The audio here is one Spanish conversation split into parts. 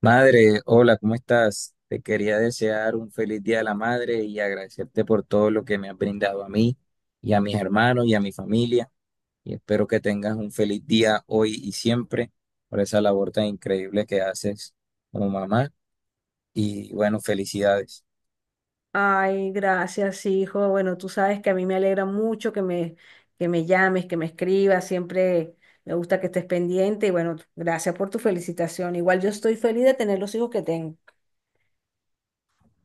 Madre, hola, ¿cómo estás? Te quería desear un feliz Día de la Madre y agradecerte por todo lo que me has brindado a mí y a mis hermanos y a mi familia. Y espero que tengas un feliz día hoy y siempre por esa labor tan increíble que haces como mamá. Y bueno, felicidades. Ay, gracias, hijo. Bueno, tú sabes que a mí me alegra mucho que me llames, que me escribas. Siempre me gusta que estés pendiente. Y bueno, gracias por tu felicitación. Igual yo estoy feliz de tener los hijos que tengo.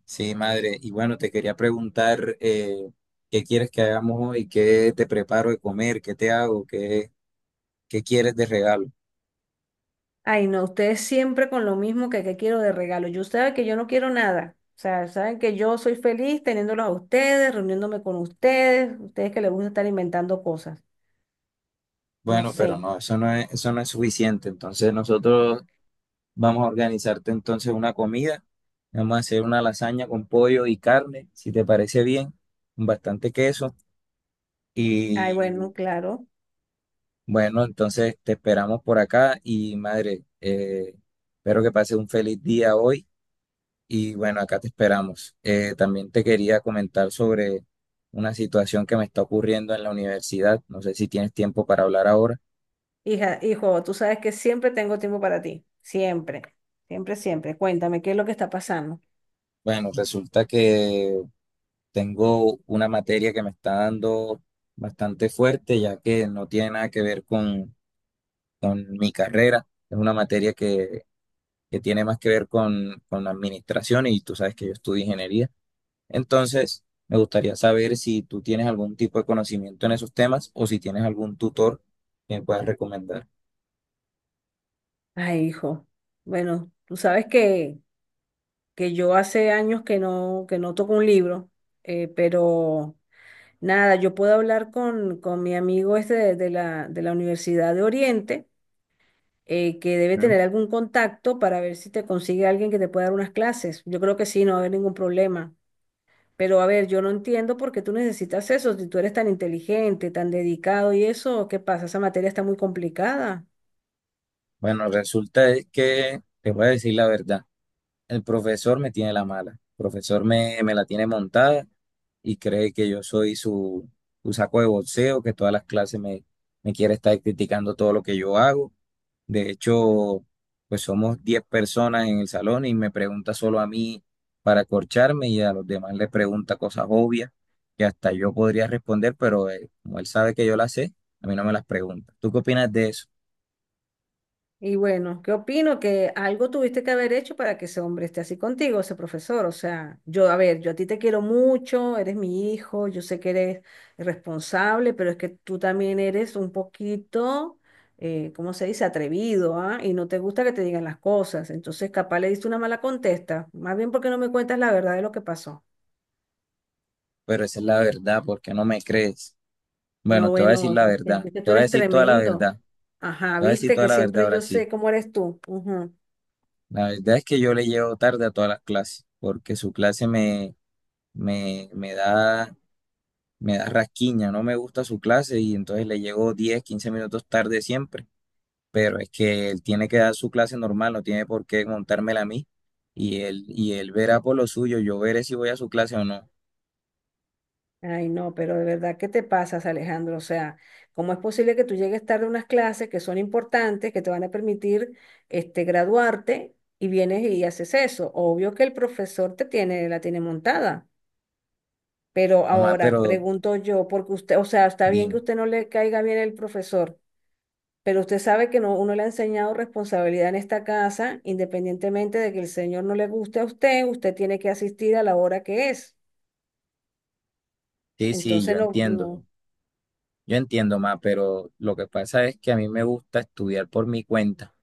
Sí, madre. Y bueno, te quería preguntar qué quieres que hagamos hoy, qué te preparo de comer, qué te hago, qué quieres de regalo. Ay, no, ustedes siempre con lo mismo que quiero de regalo. Yo saben que yo no quiero nada. O sea, saben que yo soy feliz teniéndolos a ustedes, reuniéndome con ustedes, ustedes que les gusta estar inventando cosas. No Bueno, sé. pero no, eso no es suficiente. Entonces nosotros vamos a organizarte entonces una comida. Vamos a hacer una lasaña con pollo y carne, si te parece bien, con bastante queso. Ay, bueno, Y claro. bueno, entonces te esperamos por acá y madre, espero que pases un feliz día hoy. Y bueno, acá te esperamos. También te quería comentar sobre una situación que me está ocurriendo en la universidad. No sé si tienes tiempo para hablar ahora. Hija, hijo, tú sabes que siempre tengo tiempo para ti. Siempre, siempre, siempre. Cuéntame, ¿qué es lo que está pasando? Bueno, resulta que tengo una materia que me está dando bastante fuerte, ya que no tiene nada que ver con mi carrera. Es una materia que tiene más que ver con la administración y tú sabes que yo estudio ingeniería. Entonces, me gustaría saber si tú tienes algún tipo de conocimiento en esos temas o si tienes algún tutor que me puedas recomendar. Ay, hijo. Bueno, tú sabes que yo hace años que no toco un libro, pero nada, yo puedo hablar con mi amigo este de la Universidad de Oriente, que debe ¿Mm? tener algún contacto para ver si te consigue alguien que te pueda dar unas clases. Yo creo que sí, no va a haber ningún problema. Pero a ver, yo no entiendo por qué tú necesitas eso, si tú eres tan inteligente, tan dedicado y eso, ¿qué pasa? Esa materia está muy complicada. Bueno, resulta es que te voy a decir la verdad. El profesor me tiene la mala. El profesor me la tiene montada y cree que yo soy su saco de boxeo, que todas las clases me quiere estar criticando todo lo que yo hago. De hecho, pues somos 10 personas en el salón y me pregunta solo a mí para acorcharme y a los demás le pregunta cosas obvias que hasta yo podría responder, pero como él sabe que yo las sé, a mí no me las pregunta. ¿Tú qué opinas de eso? Y bueno, ¿qué opino? Que algo tuviste que haber hecho para que ese hombre esté así contigo, ese profesor. O sea, yo, a ver, yo a ti te quiero mucho, eres mi hijo, yo sé que eres responsable, pero es que tú también eres un poquito, ¿cómo se dice? Atrevido, ¿ah? Y no te gusta que te digan las cosas. Entonces, capaz le diste una mala contesta. Más bien porque no me cuentas la verdad de lo que pasó. Pero esa es la verdad, ¿porque no me crees? No, Bueno, te voy a decir bueno, la es que, verdad, es que te tú voy a eres decir toda la tremendo. verdad. Ajá, Te voy a decir viste que toda la verdad siempre ahora yo sí. sé cómo eres tú. Ujú. La verdad es que yo le llevo tarde a todas las clases, porque su clase me, me da, me da rasquiña, no me gusta su clase y entonces le llego 10 15 minutos tarde siempre. Pero es que él tiene que dar su clase normal, no tiene por qué montármela a mí. Y él verá por lo suyo, yo veré si voy a su clase o no. Ay, no, pero de verdad, ¿qué te pasas, Alejandro? O sea, ¿cómo es posible que tú llegues tarde a unas clases que son importantes, que te van a permitir este, graduarte y vienes y haces eso? Obvio que el profesor te tiene, la tiene montada. Pero Mamá, ahora, pero pregunto yo, porque usted, o sea, está bien que dime. usted no le caiga bien el profesor. Pero usted sabe que no, uno le ha enseñado responsabilidad en esta casa, independientemente de que el señor no le guste a usted, usted tiene que asistir a la hora que es. Sí, sí, Entonces, yo no, entiendo. no. Yo entiendo, mamá, pero lo que pasa es que a mí me gusta estudiar por mi cuenta.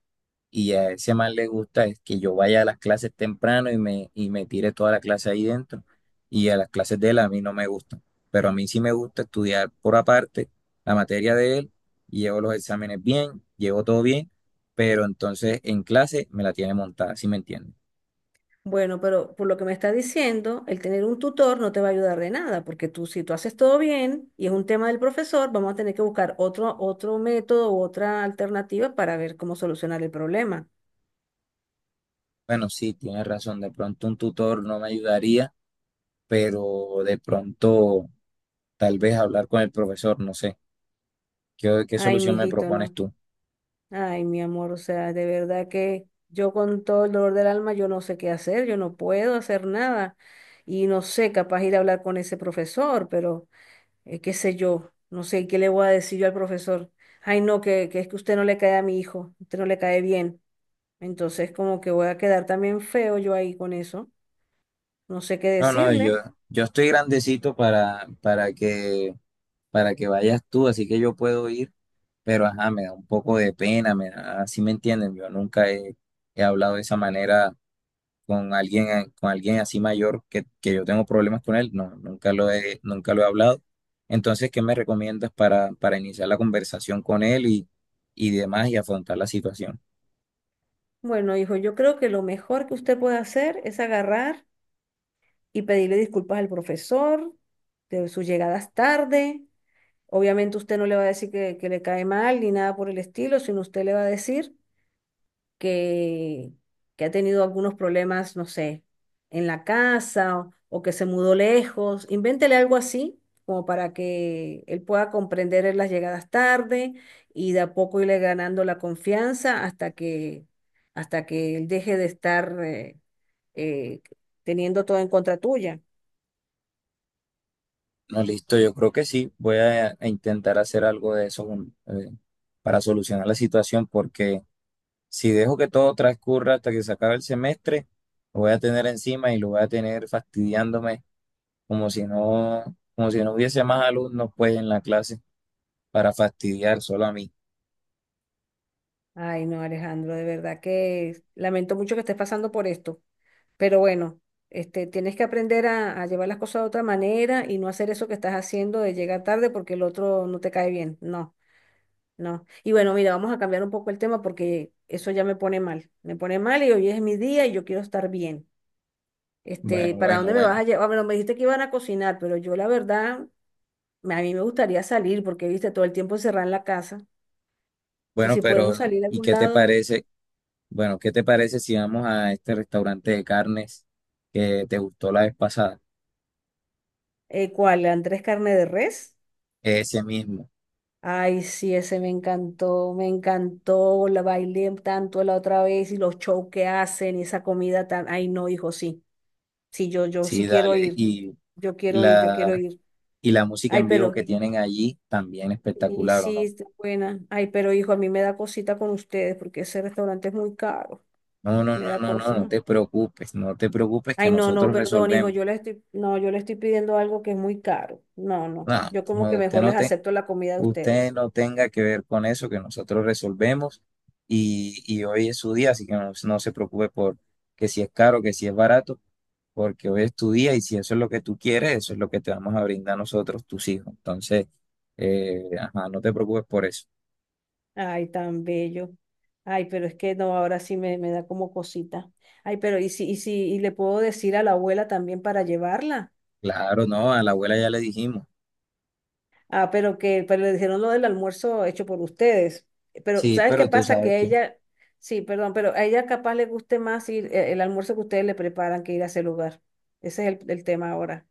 Y a ese man le gusta es que yo vaya a las clases temprano y me tire toda la clase ahí dentro. Y a las clases de él a mí no me gustan. Pero a mí sí me gusta estudiar por aparte la materia de él. Y llevo los exámenes bien, llevo todo bien. Pero entonces en clase me la tiene montada, ¿sí me entiende? Bueno, pero por lo que me está diciendo, el tener un tutor no te va a ayudar de nada, porque tú, si tú haces todo bien y es un tema del profesor, vamos a tener que buscar otro, otro método u otra alternativa para ver cómo solucionar el problema. Bueno, sí, tienes razón. De pronto un tutor no me ayudaría, pero de pronto tal vez hablar con el profesor, no sé. ¿Qué Ay, solución me mijito, propones no. tú? Ay, mi amor, o sea, de verdad que yo con todo el dolor del alma, yo no sé qué hacer, yo no puedo hacer nada y no sé, capaz ir a hablar con ese profesor, pero qué sé yo, no sé qué le voy a decir yo al profesor. Ay, no, que es que usted no le cae a mi hijo, usted no le cae bien. Entonces, como que voy a quedar también feo yo ahí con eso, no sé qué No, no, yo, decirle. yo estoy grandecito para que vayas tú, así que yo puedo ir, pero ajá, me da un poco de pena, así me entienden, yo nunca he hablado de esa manera con alguien así mayor que yo tengo problemas con él, no, nunca lo he hablado. Entonces, ¿qué me recomiendas para iniciar la conversación con él y demás y afrontar la situación? Bueno, hijo, yo creo que lo mejor que usted puede hacer es agarrar y pedirle disculpas al profesor de sus llegadas tarde. Obviamente usted no le va a decir que le cae mal ni nada por el estilo, sino usted le va a decir que, que ha tenido algunos problemas, no sé, en la casa o que se mudó lejos. Invéntele algo así, como para que él pueda comprender en las llegadas tarde y de a poco irle ganando la confianza hasta que él deje de estar eh, teniendo todo en contra tuya. No, listo, yo creo que sí. Voy a intentar hacer algo de eso para solucionar la situación, porque si dejo que todo transcurra hasta que se acabe el semestre, lo voy a tener encima y lo voy a tener fastidiándome como si no, como si no hubiese más alumnos pues en la clase para fastidiar solo a mí. Ay, no, Alejandro, de verdad que lamento mucho que estés pasando por esto. Pero bueno, este, tienes que aprender a llevar las cosas de otra manera y no hacer eso que estás haciendo de llegar tarde porque el otro no te cae bien. No, no. Y bueno, mira, vamos a cambiar un poco el tema porque eso ya me pone mal. Me pone mal y hoy es mi día y yo quiero estar bien. Bueno, Este, ¿para bueno, dónde me vas a bueno. llevar? Bueno, me dijiste que iban a cocinar, pero yo la verdad, a mí me gustaría salir porque, viste, todo el tiempo encerrada en la casa. Y Bueno, si pero podemos salir a ¿y algún qué te lado, parece? Bueno, ¿qué te parece si vamos a este restaurante de carnes que te gustó la vez pasada? ¿Cuál? ¿Andrés Carne de Res? Ese mismo. Ay, sí, ese me encantó, la bailé tanto la otra vez y los shows que hacen y esa comida tan, ay, no, hijo, sí, sí, yo sí Sí, quiero dale. ir, yo quiero ir, yo quiero La, ir. y la música Ay, en vivo pero, que tienen allí también y espectacular, ¿o sí, no? está buena. Ay, pero hijo, a mí me da cosita con ustedes porque ese restaurante es muy caro, No, no, me no, da no, no, no cosa. te preocupes, no te preocupes que Ay, no, no, nosotros perdón, hijo, resolvemos. yo le estoy, no, yo le estoy pidiendo algo que es muy caro. No, no, No, yo como que no, mejor les acepto la comida de usted ustedes. no tenga que ver con eso, que nosotros resolvemos y hoy es su día, así que no, no se preocupe por que si es caro, que si es barato, porque hoy es tu día y si eso es lo que tú quieres, eso es lo que te vamos a brindar nosotros, tus hijos. Entonces, ajá, no te preocupes por eso. Ay, tan bello. Ay, pero es que no, ahora sí me da como cosita. Ay, pero y si, y si, y le puedo decir a la abuela también para llevarla. Claro, no, a la abuela ya le dijimos. Ah, pero le dijeron lo del almuerzo hecho por ustedes. Pero, Sí, ¿sabes qué pero tú pasa? sabes Que que ella, sí, perdón, pero a ella capaz le guste más ir el almuerzo que ustedes le preparan que ir a ese lugar. Ese es el tema ahora.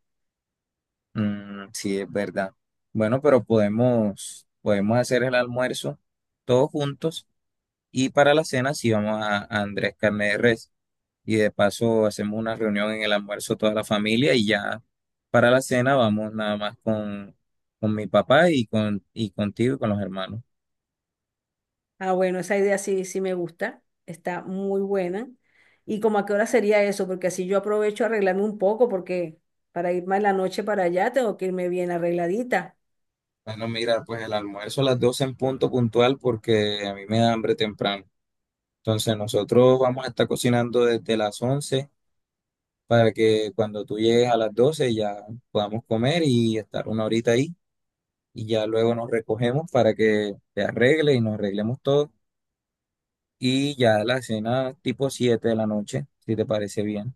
sí es verdad. Bueno, pero podemos hacer el almuerzo todos juntos y para la cena sí vamos a Andrés Carne de Res y de paso hacemos una reunión en el almuerzo toda la familia y ya para la cena vamos nada más con mi papá y contigo y con los hermanos. Ah, bueno, esa idea sí, sí me gusta, está muy buena. ¿Y como a qué hora sería eso? Porque así yo aprovecho a arreglarme un poco, porque para irme en la noche para allá tengo que irme bien arregladita. Bueno, mira, pues el almuerzo a las 12 en punto puntual porque a mí me da hambre temprano. Entonces nosotros vamos a estar cocinando desde las 11. Para que cuando tú llegues a las 12 ya podamos comer y estar una horita ahí y ya luego nos recogemos para que te arregle y nos arreglemos todo y ya la cena tipo 7 de la noche, si te parece bien.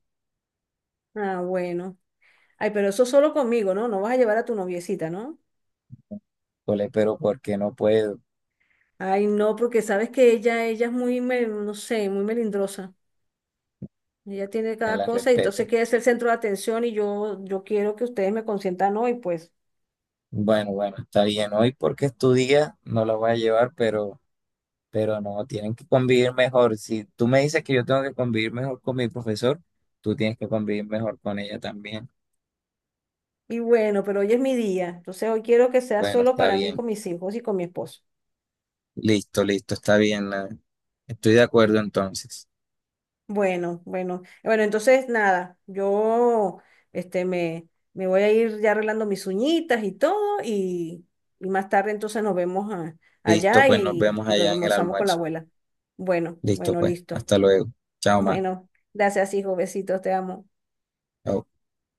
Ah, bueno. Ay, pero eso solo conmigo, ¿no? No vas a llevar a tu noviecita, ¿no? Cole, pero porque no puedo, Ay, no, porque sabes que ella es muy, no sé, muy melindrosa. Ella tiene me cada la cosa y entonces respeto. quiere ser el centro de atención y yo quiero que ustedes me consientan hoy, pues. Bueno, bueno, está bien. Hoy porque es tu día, no la voy a llevar, pero no, tienen que convivir mejor. Si tú me dices que yo tengo que convivir mejor con mi profesor, tú tienes que convivir mejor con ella también. Y bueno, pero hoy es mi día, entonces hoy quiero que sea Bueno, solo está para mí, bien. con mis hijos y con mi esposo. Listo, listo, está bien. Estoy de acuerdo entonces. Bueno, bueno, bueno, entonces nada, yo este me voy a ir ya arreglando mis uñitas y todo y, y más tarde entonces Listo, allá pues nos vemos y allá en el almorzamos con la almuerzo. abuela. Bueno, Listo, bueno, pues, listo. hasta luego. Chao, ma. Bueno, gracias hijo, besitos, te amo. Chao.